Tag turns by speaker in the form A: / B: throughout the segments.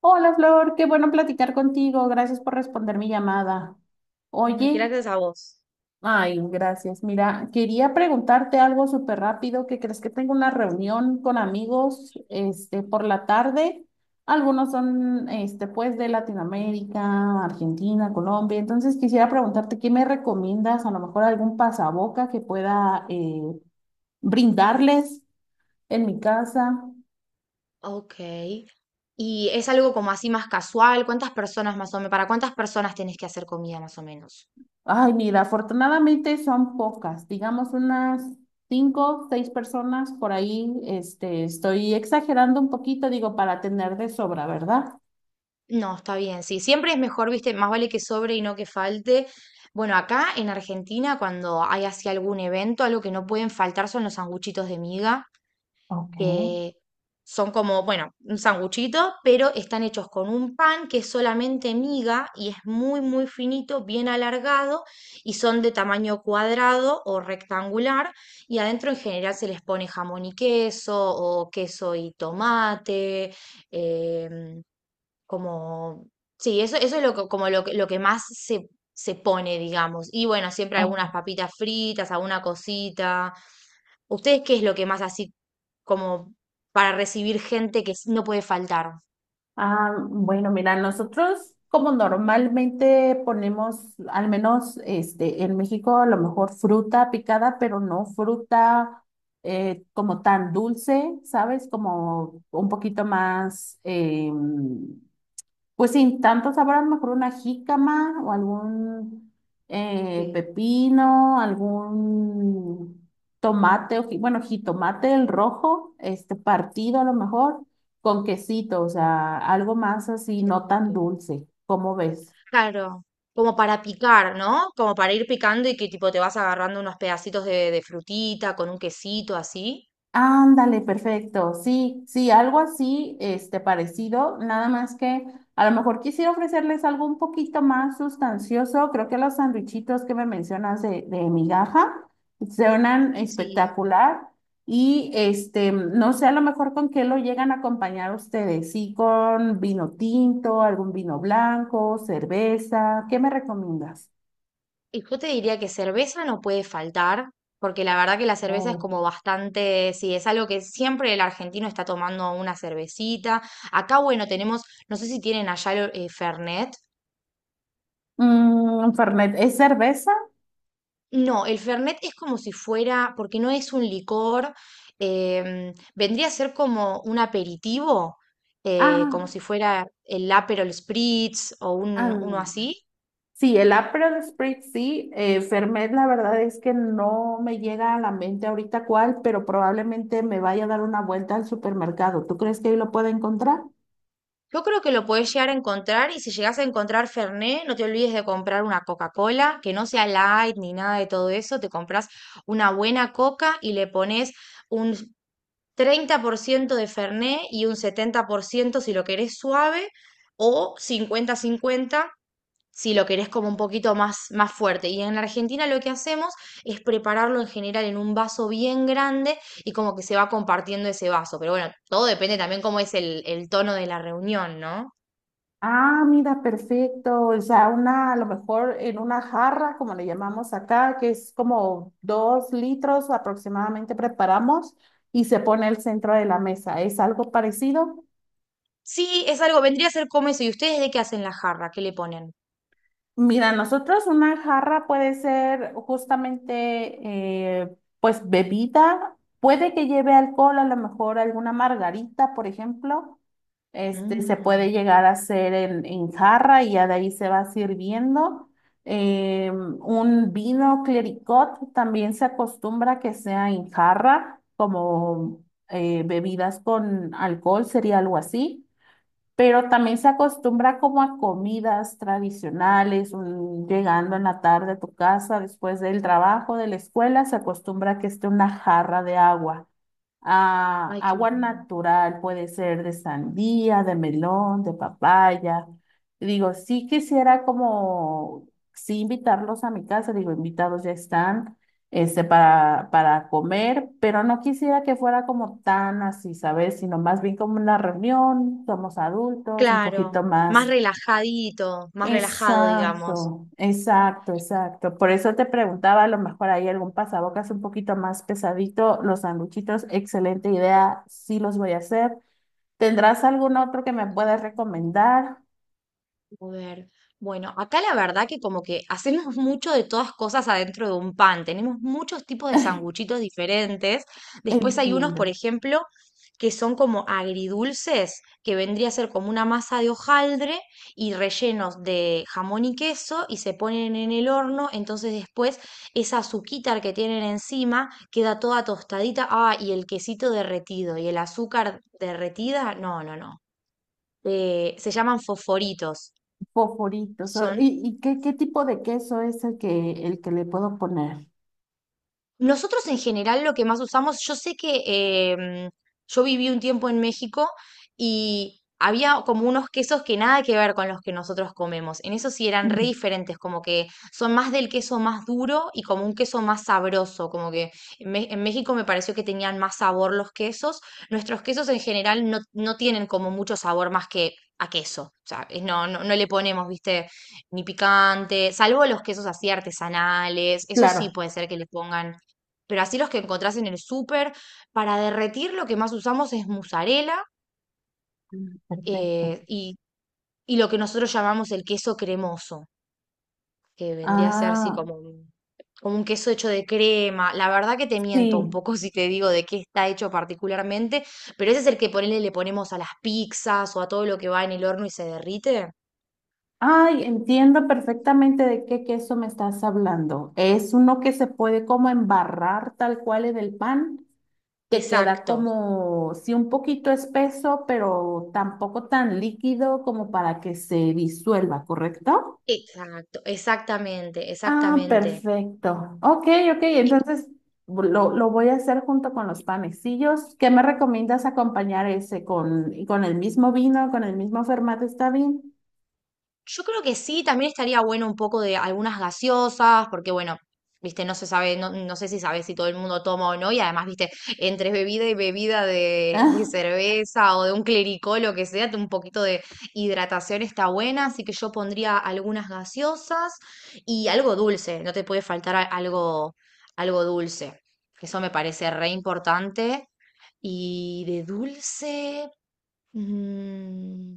A: Hola Flor, qué bueno platicar contigo. Gracias por responder mi llamada.
B: Ay,
A: Oye,
B: gracias a vos.
A: ay, gracias. Mira, quería preguntarte algo súper rápido. ¿Qué crees? Que tengo una reunión con amigos, este, por la tarde. Algunos son, este, pues de Latinoamérica, Argentina, Colombia. Entonces quisiera preguntarte, ¿qué me recomiendas? A lo mejor algún pasaboca que pueda brindarles en mi casa.
B: Ok. ¿Y es algo como así más casual? ¿Cuántas personas más o menos? ¿Para cuántas personas tenés que hacer comida más o menos?
A: Ay, mira, afortunadamente son pocas, digamos unas cinco, seis personas por ahí. Este, estoy exagerando un poquito, digo, para tener de sobra, ¿verdad?
B: No, está bien, sí. Siempre es mejor, viste, más vale que sobre y no que falte. Bueno, acá en Argentina, cuando hay así algún evento, algo que no pueden faltar son los sanguchitos de miga,
A: Ok,
B: que son como, bueno, un sanguchito, pero están hechos con un pan que es solamente miga y es muy, muy finito, bien alargado, y son de tamaño cuadrado o rectangular, y adentro en general se les pone jamón y queso o queso y tomate. em, Como, sí, eso es lo que, como lo que más se, se pone, digamos. Y bueno, siempre algunas
A: ok.
B: papitas fritas, alguna cosita. ¿Ustedes qué es lo que más así, como para recibir gente que no puede faltar?
A: Ah, bueno, mira, nosotros como normalmente ponemos, al menos este, en México, a lo mejor fruta picada, pero no fruta como tan dulce, ¿sabes? Como un poquito más, pues sin tanto sabor, mejor una jícama o algún
B: Sí,
A: pepino, algún tomate, o, bueno, jitomate el rojo, este partido a lo mejor, con quesito, o sea, algo más así,
B: qué
A: no tan
B: rico.
A: dulce. ¿Cómo ves?
B: Claro, como para picar, ¿no? Como para ir picando y que tipo te vas agarrando unos pedacitos de frutita con un quesito así.
A: Ándale, perfecto. Sí, sí, algo así, este, parecido, nada más que a lo mejor quisiera ofrecerles algo un poquito más sustancioso. Creo que los sandwichitos que me mencionas de migaja suenan
B: Sí.
A: espectacular. Y este, no sé, a lo mejor con qué lo llegan a acompañar ustedes. Sí, con vino tinto, algún vino blanco, cerveza. ¿Qué me recomiendas?
B: Y yo te diría que cerveza no puede faltar, porque la verdad que la cerveza es
A: Oh,
B: como bastante, sí, es algo que siempre el argentino está tomando una cervecita. Acá, bueno, tenemos, no sé si tienen allá el, Fernet.
A: mm, Fernet, ¿es cerveza?
B: No, el Fernet es como si fuera, porque no es un licor. Vendría a ser como un aperitivo, como
A: Ah,
B: si fuera el Aperol Spritz o un,
A: ah.
B: uno así.
A: Sí, el Aperol Spritz sí, Fernet la verdad es que no me llega a la mente ahorita cuál, pero probablemente me vaya a dar una vuelta al supermercado. ¿Tú crees que ahí lo pueda encontrar?
B: Yo creo que lo podés llegar a encontrar, y si llegás a encontrar Fernet, no te olvides de comprar una Coca-Cola, que no sea light ni nada de todo eso. Te compras una buena coca y le pones un 30% de Fernet y un 70% si lo querés suave, o 50-50 si lo querés como un poquito más, más fuerte. Y en Argentina lo que hacemos es prepararlo en general en un vaso bien grande, y como que se va compartiendo ese vaso. Pero bueno, todo depende también cómo es el tono de la reunión, ¿no?
A: Ah, mira, perfecto. O sea, una, a lo mejor en una jarra, como le llamamos acá, que es como dos litros aproximadamente preparamos y se pone el centro de la mesa. ¿Es algo parecido?
B: Sí, es algo, vendría a ser como eso. ¿Y ustedes de qué hacen la jarra? ¿Qué le ponen?
A: Mira, nosotros una jarra puede ser justamente, pues, bebida, puede que lleve alcohol, a lo mejor alguna margarita, por ejemplo, este, se
B: Mm.
A: puede llegar a hacer en jarra y ya de ahí se va sirviendo. Un vino clericot también se acostumbra que sea en jarra, como bebidas con alcohol, sería algo así, pero también se acostumbra como a comidas tradicionales, llegando en la tarde a tu casa después del trabajo, de la escuela, se acostumbra a que esté una jarra de agua. Ah,
B: Ay, qué
A: agua
B: bueno.
A: natural puede ser de sandía, de melón, de papaya. Digo, sí quisiera como, sí invitarlos a mi casa, digo, invitados ya están, este, para comer, pero no quisiera que fuera como tan así, ¿sabes? Sino más bien como una reunión, somos adultos, un
B: Claro,
A: poquito
B: más
A: más.
B: relajadito, más relajado, digamos.
A: Exacto, exacto, exacto. Por eso te preguntaba, a lo mejor hay algún pasabocas un poquito más pesadito, los sanduchitos, excelente idea, sí los voy a hacer. ¿Tendrás algún otro que me puedas recomendar?
B: A ver, bueno, acá la verdad que como que hacemos mucho de todas cosas adentro de un pan. Tenemos muchos tipos de sanguchitos diferentes. Después hay unos,
A: Entiendo,
B: por ejemplo, que son como agridulces, que vendría a ser como una masa de hojaldre y rellenos de jamón y queso, y se ponen en el horno. Entonces después esa azuquita que tienen encima queda toda tostadita. Ah, y el quesito derretido y el azúcar derretida. No, no, no. Se llaman fosforitos.
A: foforitos.
B: Son...
A: Y qué, qué tipo de queso es el que le puedo poner?
B: Nosotros en general lo que más usamos, yo sé que em, yo viví un tiempo en México y había como unos quesos que nada que ver con los que nosotros comemos. En eso sí eran re
A: Ujú.
B: diferentes, como que son más del queso más duro y como un queso más sabroso, como que en México me pareció que tenían más sabor los quesos. Nuestros quesos en general no tienen como mucho sabor más que a queso. O sea, no, no, no le ponemos, viste, ni picante, salvo los quesos así artesanales. Eso sí
A: Claro.
B: puede ser que le pongan, pero así los que encontrás en el súper. Para derretir lo que más usamos es mozzarella,
A: Mm, perfecto.
B: eh, y, y lo que nosotros llamamos el queso cremoso, que vendría a ser así
A: Ah,
B: como un queso hecho de crema. La verdad que te miento un
A: sí.
B: poco si te digo de qué está hecho particularmente, pero ese es el que ponele, le ponemos a las pizzas o a todo lo que va en el horno y se derrite.
A: Ay, entiendo perfectamente de qué queso me estás hablando. Es uno que se puede como embarrar tal cual en el pan. Te queda
B: Exacto,
A: como, sí, un poquito espeso, pero tampoco tan líquido como para que se disuelva, ¿correcto?
B: exacto, exactamente,
A: Ah,
B: exactamente.
A: perfecto. Ok, ok, entonces lo voy a hacer junto con los panecillos. ¿Qué me recomiendas acompañar ese con el mismo vino, con el mismo formato? ¿Está bien?
B: Yo creo que sí, también estaría bueno un poco de algunas gaseosas, porque bueno, viste, no se sabe, no, no sé si sabes si todo el mundo toma o no. Y además, viste, entre bebida y bebida de cerveza o de un clericó, lo que sea, un poquito de hidratación está buena, así que yo pondría algunas gaseosas y algo dulce, no te puede faltar algo, algo dulce, que eso me parece re importante. Y de dulce... mm,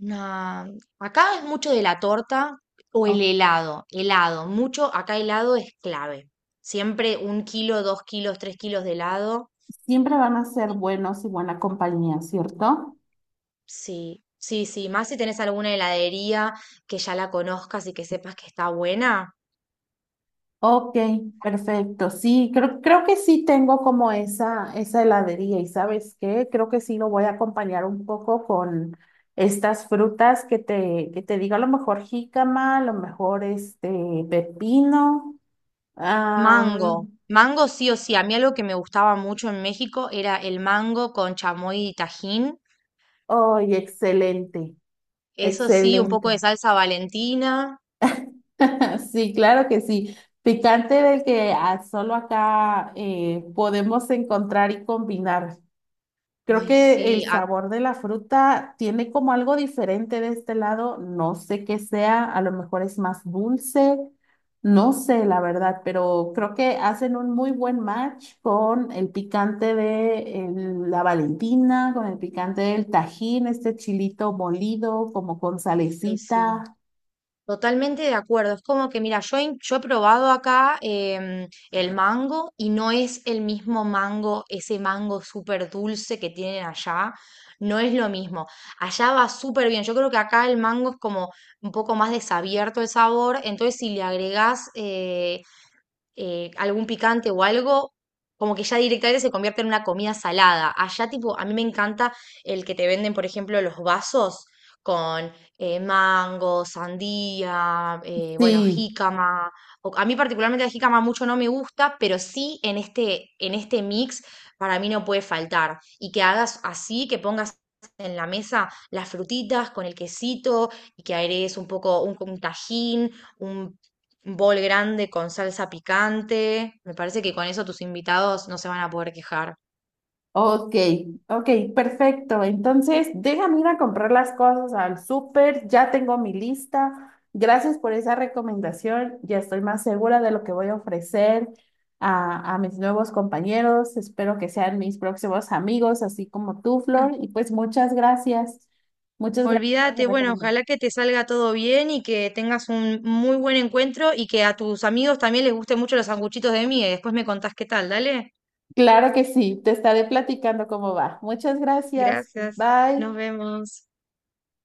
B: una... acá es mucho de la torta o
A: Ah,
B: el
A: ok.
B: helado. Helado, mucho, acá helado es clave. Siempre un kilo, dos kilos, tres kilos de helado.
A: Siempre van a ser buenos y buena compañía, ¿cierto?
B: Sí, sí, sí. Más si tenés alguna heladería que ya la conozcas y que sepas que está buena.
A: Ok, perfecto. Sí, creo, creo que sí tengo como esa heladería y ¿sabes qué? Creo que sí lo voy a acompañar un poco con estas frutas que te digo, a lo mejor jícama, a lo mejor este pepino.
B: Mango.
A: Am,
B: Mango sí o sí. A mí algo que me gustaba mucho en México era el mango con chamoy y tajín.
A: ¡ay, excelente!
B: Eso sí, un poco
A: Excelente.
B: de salsa Valentina.
A: Sí, claro que sí. Picante del que ah, solo acá podemos encontrar y combinar. Creo
B: Ay,
A: que el
B: sí,
A: sabor de la fruta tiene como algo diferente de este lado. No sé qué sea, a lo mejor es más dulce, no sé la verdad, pero creo que hacen un muy buen match con el picante de la Valentina, con el picante del Tajín, este chilito molido, como con
B: ay, sí.
A: salecita.
B: Totalmente de acuerdo. Es como que, mira, yo, yo he probado acá el mango, y no es el mismo mango, ese mango súper dulce que tienen allá. No es lo mismo. Allá va súper bien. Yo creo que acá el mango es como un poco más desabierto el sabor. Entonces, si le agregás algún picante o algo, como que ya directamente se convierte en una comida salada. Allá, tipo, a mí me encanta el que te venden, por ejemplo, los vasos con mango, sandía, bueno,
A: Sí,
B: jícama. A mí particularmente la jícama mucho no me gusta, pero sí en este mix para mí no puede faltar. Y que hagas así, que pongas en la mesa las frutitas con el quesito, y que agregues un poco un tajín, un bol grande con salsa picante. Me parece que con eso tus invitados no se van a poder quejar.
A: ok, ok, perfecto. Entonces, déjame ir a comprar las cosas al súper, ya tengo mi lista. Gracias por esa recomendación, ya estoy más segura de lo que voy a ofrecer a mis nuevos compañeros. Espero que sean mis próximos amigos, así como tú,
B: Mm.
A: Flor. Y pues muchas gracias por esa
B: Olvídate, bueno,
A: recomendación.
B: ojalá que te salga todo bien y que tengas un muy buen encuentro y que a tus amigos también les gusten mucho los sanguchitos de miga, y después me contás qué tal, dale.
A: Claro que sí, te estaré platicando cómo va. Muchas gracias,
B: Gracias,
A: bye.
B: nos vemos.